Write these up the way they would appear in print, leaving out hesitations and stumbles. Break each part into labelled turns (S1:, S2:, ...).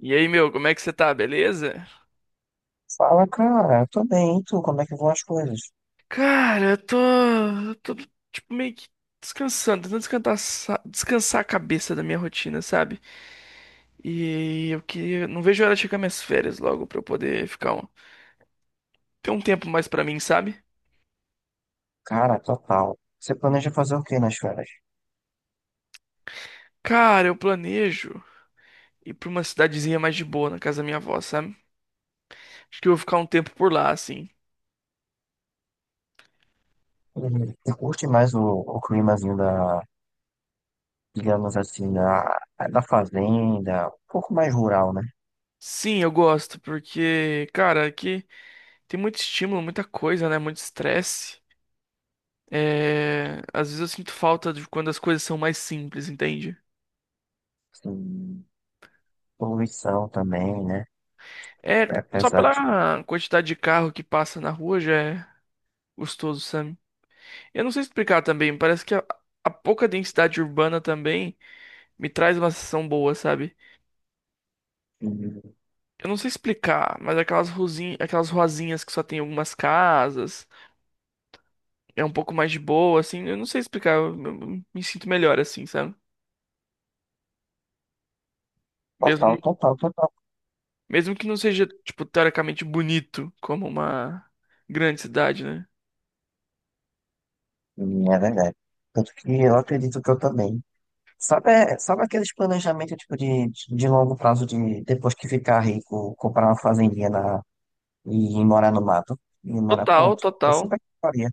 S1: E aí, meu, como é que você tá? Beleza?
S2: Fala, cara, eu tô bem, e tu? Como é que vão as coisas?
S1: Cara, eu tô tipo meio que descansando, tentando descansar, descansar a cabeça da minha rotina, sabe? E eu que não vejo a hora de chegar minhas férias logo pra eu poder ficar um, ter um tempo mais pra mim, sabe?
S2: Cara, total. Você planeja fazer o que nas férias?
S1: Cara, eu planejo ir pra uma cidadezinha mais de boa na casa da minha avó, sabe? Acho que eu vou ficar um tempo por lá, assim.
S2: Uhum. Você curte mais o climazinho digamos assim, da fazenda, um pouco mais rural, né?
S1: Sim, eu gosto, porque, cara, aqui tem muito estímulo, muita coisa, né? Muito estresse. É, às vezes eu sinto falta de quando as coisas são mais simples, entende?
S2: Assim, poluição também, né?
S1: É,
S2: É.
S1: só
S2: Apesar de...
S1: pela quantidade de carro que passa na rua já é gostoso, sabe? Eu não sei explicar também, parece que a pouca densidade urbana também me traz uma sensação boa, sabe? Eu não sei explicar, mas aquelas ruzinhas, aquelas ruazinhas que só tem algumas casas, é um pouco mais de boa, assim, eu não sei explicar, eu me sinto melhor assim, sabe? Mesmo,
S2: Total, total, total.
S1: mesmo que não seja, tipo, teoricamente bonito como uma grande cidade, né?
S2: Hum. É verdade. Tanto que eu acredito que eu também. Sabe, é, sabe aqueles planejamentos tipo de longo prazo de depois que ficar rico, comprar uma fazendinha na. E ir morar no mato. E morar
S1: Total,
S2: pronto. Eu
S1: total.
S2: super toparia.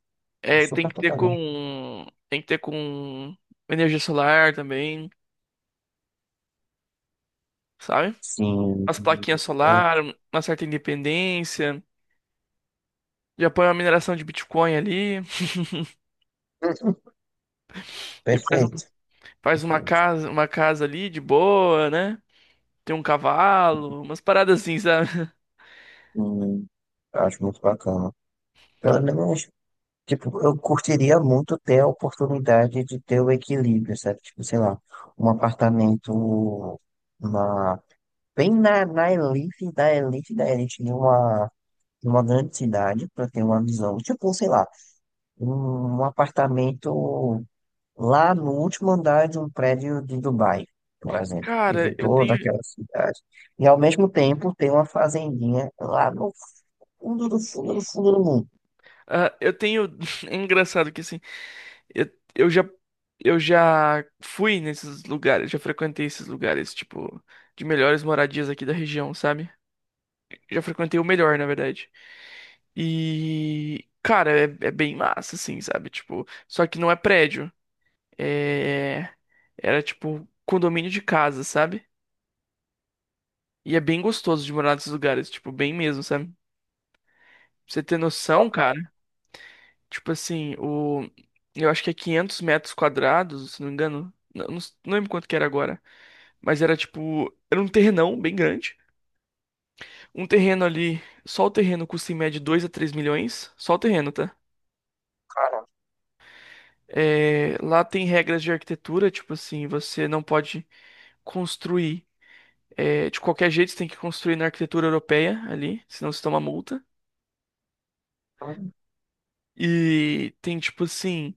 S2: Eu
S1: É,
S2: super toparia.
S1: tem que ter com energia solar também, sabe?
S2: Sim.
S1: As plaquinhas
S2: Hum.
S1: solar, uma certa independência. Já põe uma mineração de Bitcoin ali, e faz,
S2: Perfeito.
S1: faz
S2: Perfeito.
S1: uma casa ali de boa, né? Tem um cavalo, umas paradas assim, sabe?
S2: Hum, eu acho muito bacana. Pelo menos, tipo, eu curtiria muito ter a oportunidade de ter o equilíbrio, sabe? Tipo, sei lá, um apartamento na, bem na elite da elite da elite de uma grande cidade, para ter uma visão. Tipo, sei lá, um apartamento lá no último andar de um prédio de Dubai, por exemplo, e
S1: Cara,
S2: vê
S1: eu
S2: toda
S1: tenho,
S2: aquela cidade. E ao mesmo tempo tem uma fazendinha lá no fundo do fundo do fundo do mundo.
S1: ah, eu tenho, é engraçado que assim, eu, eu já, eu já fui nesses lugares, já frequentei esses lugares, tipo, de melhores moradias aqui da região, sabe? Já frequentei o melhor, na verdade. E, cara, é bem massa, assim, sabe? Tipo, só que não é prédio. É, era tipo condomínio de casa, sabe? E é bem gostoso de morar nesses lugares, tipo, bem mesmo, sabe? Pra você ter noção, cara, tipo assim, o eu acho que é 500 metros quadrados, se não me engano. Não, não lembro quanto que era agora, mas era tipo, era um terrenão bem grande. Um terreno ali, só o terreno custa em média 2 a 3 milhões, só o terreno, tá?
S2: Cara,
S1: É, lá tem regras de arquitetura, tipo assim, você não pode construir. De qualquer jeito, você tem que construir na arquitetura europeia ali, senão você toma multa.
S2: então
S1: E tem, tipo assim,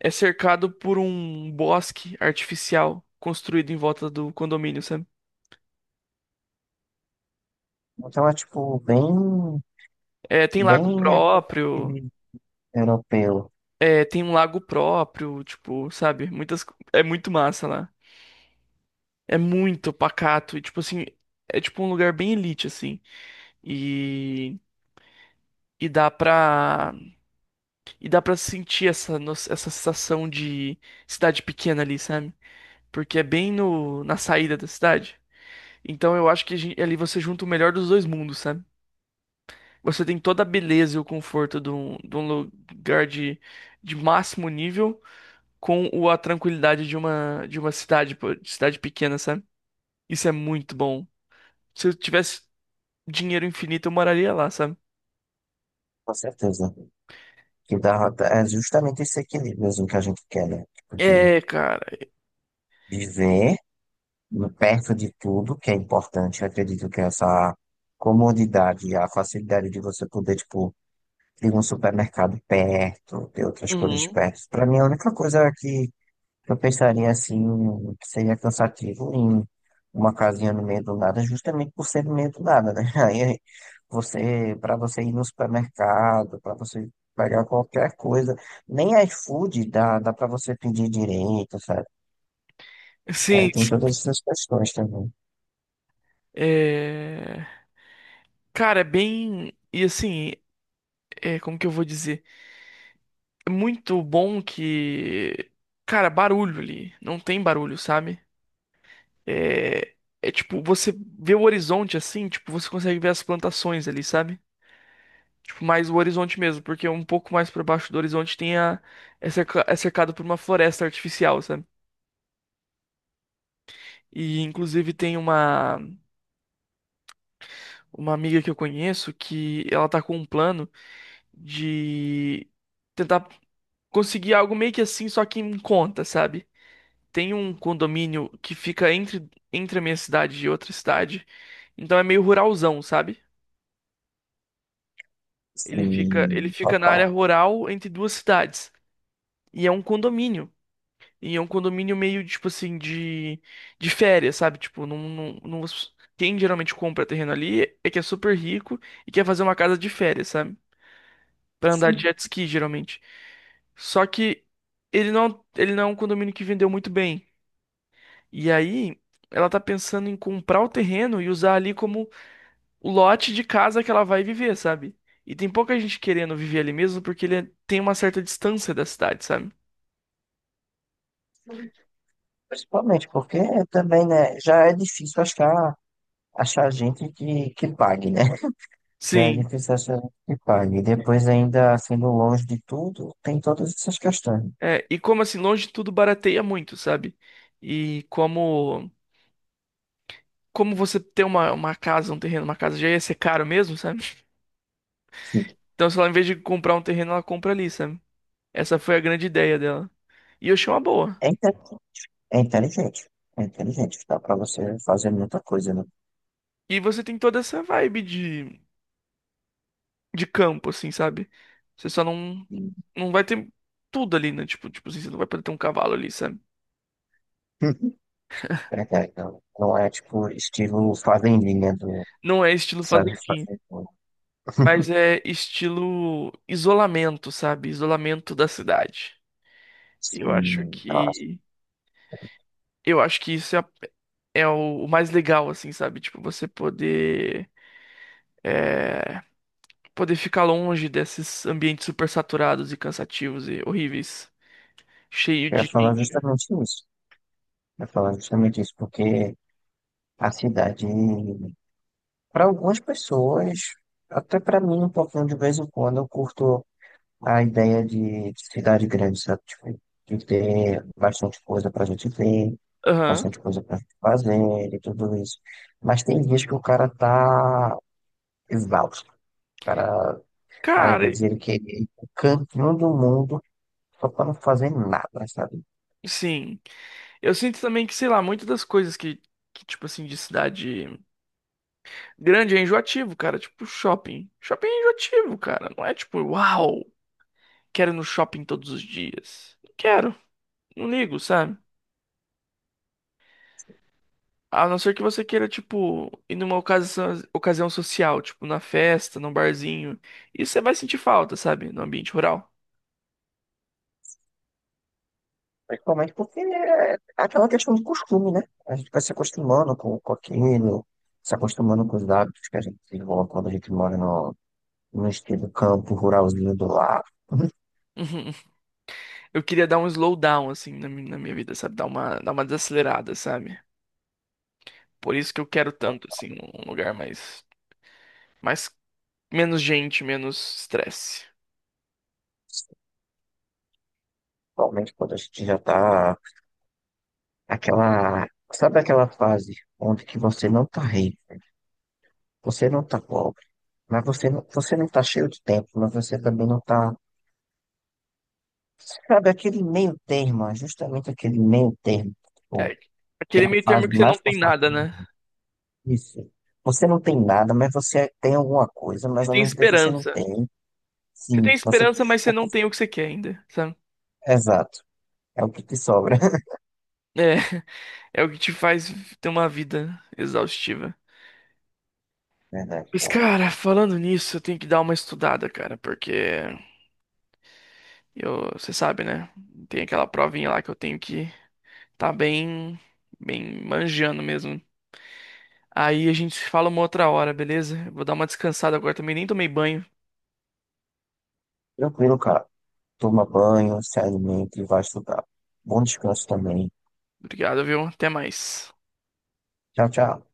S1: é cercado por um bosque artificial construído em volta do condomínio, sabe?
S2: então é tipo bem,
S1: É, tem lago
S2: bem
S1: próprio,
S2: aquele europeu.
S1: é, tem um lago próprio, tipo, sabe? Muitas, é muito massa lá. É muito pacato e, tipo assim, é tipo um lugar bem elite, assim. E, e dá pra E dá pra sentir essa, essa sensação de cidade pequena ali, sabe? Porque é bem no, na saída da cidade. Então eu acho que ali você junta o melhor dos dois mundos, sabe? Você tem toda a beleza e o conforto de de um lugar de máximo nível com a tranquilidade de de uma cidade, pô, de cidade pequena, sabe? Isso é muito bom. Se eu tivesse dinheiro infinito, eu moraria lá, sabe?
S2: Com certeza. Que dá, é justamente esse equilíbrio assim, que a gente quer, né? Tipo, de
S1: É, cara.
S2: viver perto de tudo que é importante. Eu acredito que essa comodidade, a facilidade de você poder, tipo, tem um supermercado perto, tem outras coisas
S1: Uhum.
S2: perto. Para mim, a única coisa que eu pensaria assim, que seria cansativo em uma casinha no meio do nada, justamente por ser no meio do nada, né? Aí você, para você ir no supermercado, para você pegar qualquer coisa, nem iFood dá, dá para você pedir direito, sabe? É,
S1: Sim.
S2: tem todas essas questões também.
S1: É... Cara, é bem. E assim. É, como que eu vou dizer? É muito bom que, cara, barulho ali, não tem barulho, sabe? É, é tipo, você vê o horizonte assim, tipo, você consegue ver as plantações ali, sabe? Tipo, mais o horizonte mesmo, porque um pouco mais pra baixo do horizonte tem é é cercado por uma floresta artificial, sabe? E inclusive tem uma amiga que eu conheço que ela tá com um plano de tentar conseguir algo meio que assim, só que em conta, sabe? Tem um condomínio que fica entre a minha cidade e outra cidade. Então é meio ruralzão, sabe? Ele
S2: Sim,
S1: fica na
S2: total.
S1: área rural entre duas cidades. E é um condomínio. E é um condomínio meio, tipo assim, de férias, sabe? Tipo, não quem geralmente compra terreno ali é que é super rico e quer fazer uma casa de férias, sabe? Pra andar de
S2: Sim,
S1: jet ski, geralmente. Só que ele não é um condomínio que vendeu muito bem. E aí, ela tá pensando em comprar o terreno e usar ali como o lote de casa que ela vai viver, sabe? E tem pouca gente querendo viver ali mesmo porque tem uma certa distância da cidade, sabe?
S2: principalmente porque também, né, já é difícil achar gente que pague, né? Já é
S1: Sim.
S2: difícil achar gente que pague. E depois, ainda sendo longe de tudo, tem todas essas questões, né?
S1: É, e como assim, longe de tudo barateia muito, sabe? E como como você ter uma casa, um terreno, uma casa já ia ser caro mesmo, sabe?
S2: Sim.
S1: Então, se ela, em vez de comprar um terreno, ela compra ali, sabe? Essa foi a grande ideia dela. E eu achei uma boa.
S2: É, inte- é inteligente. É inteligente. Dá pra você fazer muita coisa, né?
S1: E você tem toda essa vibe de campo, assim, sabe? Você só não,
S2: E...
S1: não vai ter tudo ali, né? Tipo assim, você não vai poder ter um cavalo ali, sabe?
S2: Verdade, não. Não é tipo estilo fazendinha do
S1: Não é estilo
S2: sabe
S1: fazendinha,
S2: fazer tudo.
S1: mas é estilo isolamento, sabe? Isolamento da cidade. Eu acho
S2: Sim, nossa.
S1: que eu acho que isso é, é o mais legal, assim, sabe? Tipo, você poder é, poder ficar longe desses ambientes super saturados e cansativos e horríveis, cheio
S2: Eu ia
S1: de
S2: falar
S1: gente.
S2: justamente isso. Eu ia falar justamente isso, porque a cidade, para algumas pessoas, até para mim, um pouquinho de vez em quando, eu curto a ideia de cidade grande, sabe? Tipo, de ter bastante coisa pra gente ver,
S1: Aham.
S2: bastante coisa pra gente fazer e tudo isso. Mas tem dias que o cara tá exausto. O cara, às
S1: Cara,
S2: vezes, ele quer ir pro cantinho do mundo só pra não fazer nada, sabe?
S1: sim. Eu sinto também que, sei lá, muitas das coisas tipo assim, de cidade grande é enjoativo, cara. Tipo, shopping. Shopping é enjoativo, cara. Não é tipo, uau, quero ir no shopping todos os dias. Não quero. Não ligo, sabe? A não ser que você queira, tipo, ir numa ocasião, ocasião social, tipo, na festa, num barzinho. Isso você vai sentir falta, sabe? No ambiente rural.
S2: Principalmente porque é aquela questão de costume, né? A gente vai se acostumando com aquilo, se acostumando com os hábitos que a gente desenvolve quando a gente mora no estilo campo ruralzinho do lado.
S1: Uhum. Eu queria dar um slowdown, assim, na, na minha vida, sabe? Dar uma desacelerada, sabe? Por isso que eu quero tanto, assim, um lugar mais menos gente, menos estresse.
S2: Principalmente quando a gente já tá aquela, sabe aquela fase onde que você não tá rico, você não tá pobre, mas você não tá cheio de tempo, mas você também não tá, sabe, aquele meio termo, é justamente aquele meio termo, tipo,
S1: É
S2: que é
S1: aquele
S2: a
S1: meio termo
S2: fase
S1: que você não
S2: mais
S1: tem nada, né?
S2: confortável. Isso. Você não tem nada, mas você tem alguma coisa,
S1: Você
S2: mas ao
S1: tem
S2: mesmo tempo você não
S1: esperança.
S2: tem.
S1: Você
S2: Sim,
S1: tem
S2: você.
S1: esperança, mas você
S2: o
S1: não
S2: que-
S1: tem o que você quer ainda, sabe?
S2: Exato. É o que te sobra.
S1: É, é o que te faz ter uma vida exaustiva.
S2: Verdade.
S1: Mas, cara, falando nisso, eu tenho que dar uma estudada, cara, porque eu, você sabe, né? Tem aquela provinha lá que eu tenho que tá bem, bem manjando mesmo. Aí a gente se fala uma outra hora, beleza? Eu vou dar uma descansada agora também, nem tomei banho.
S2: Tranquilo, cara. Toma banho, se alimente e vai estudar. Bom descanso também.
S1: Obrigado, viu? Até mais.
S2: Tchau, tchau.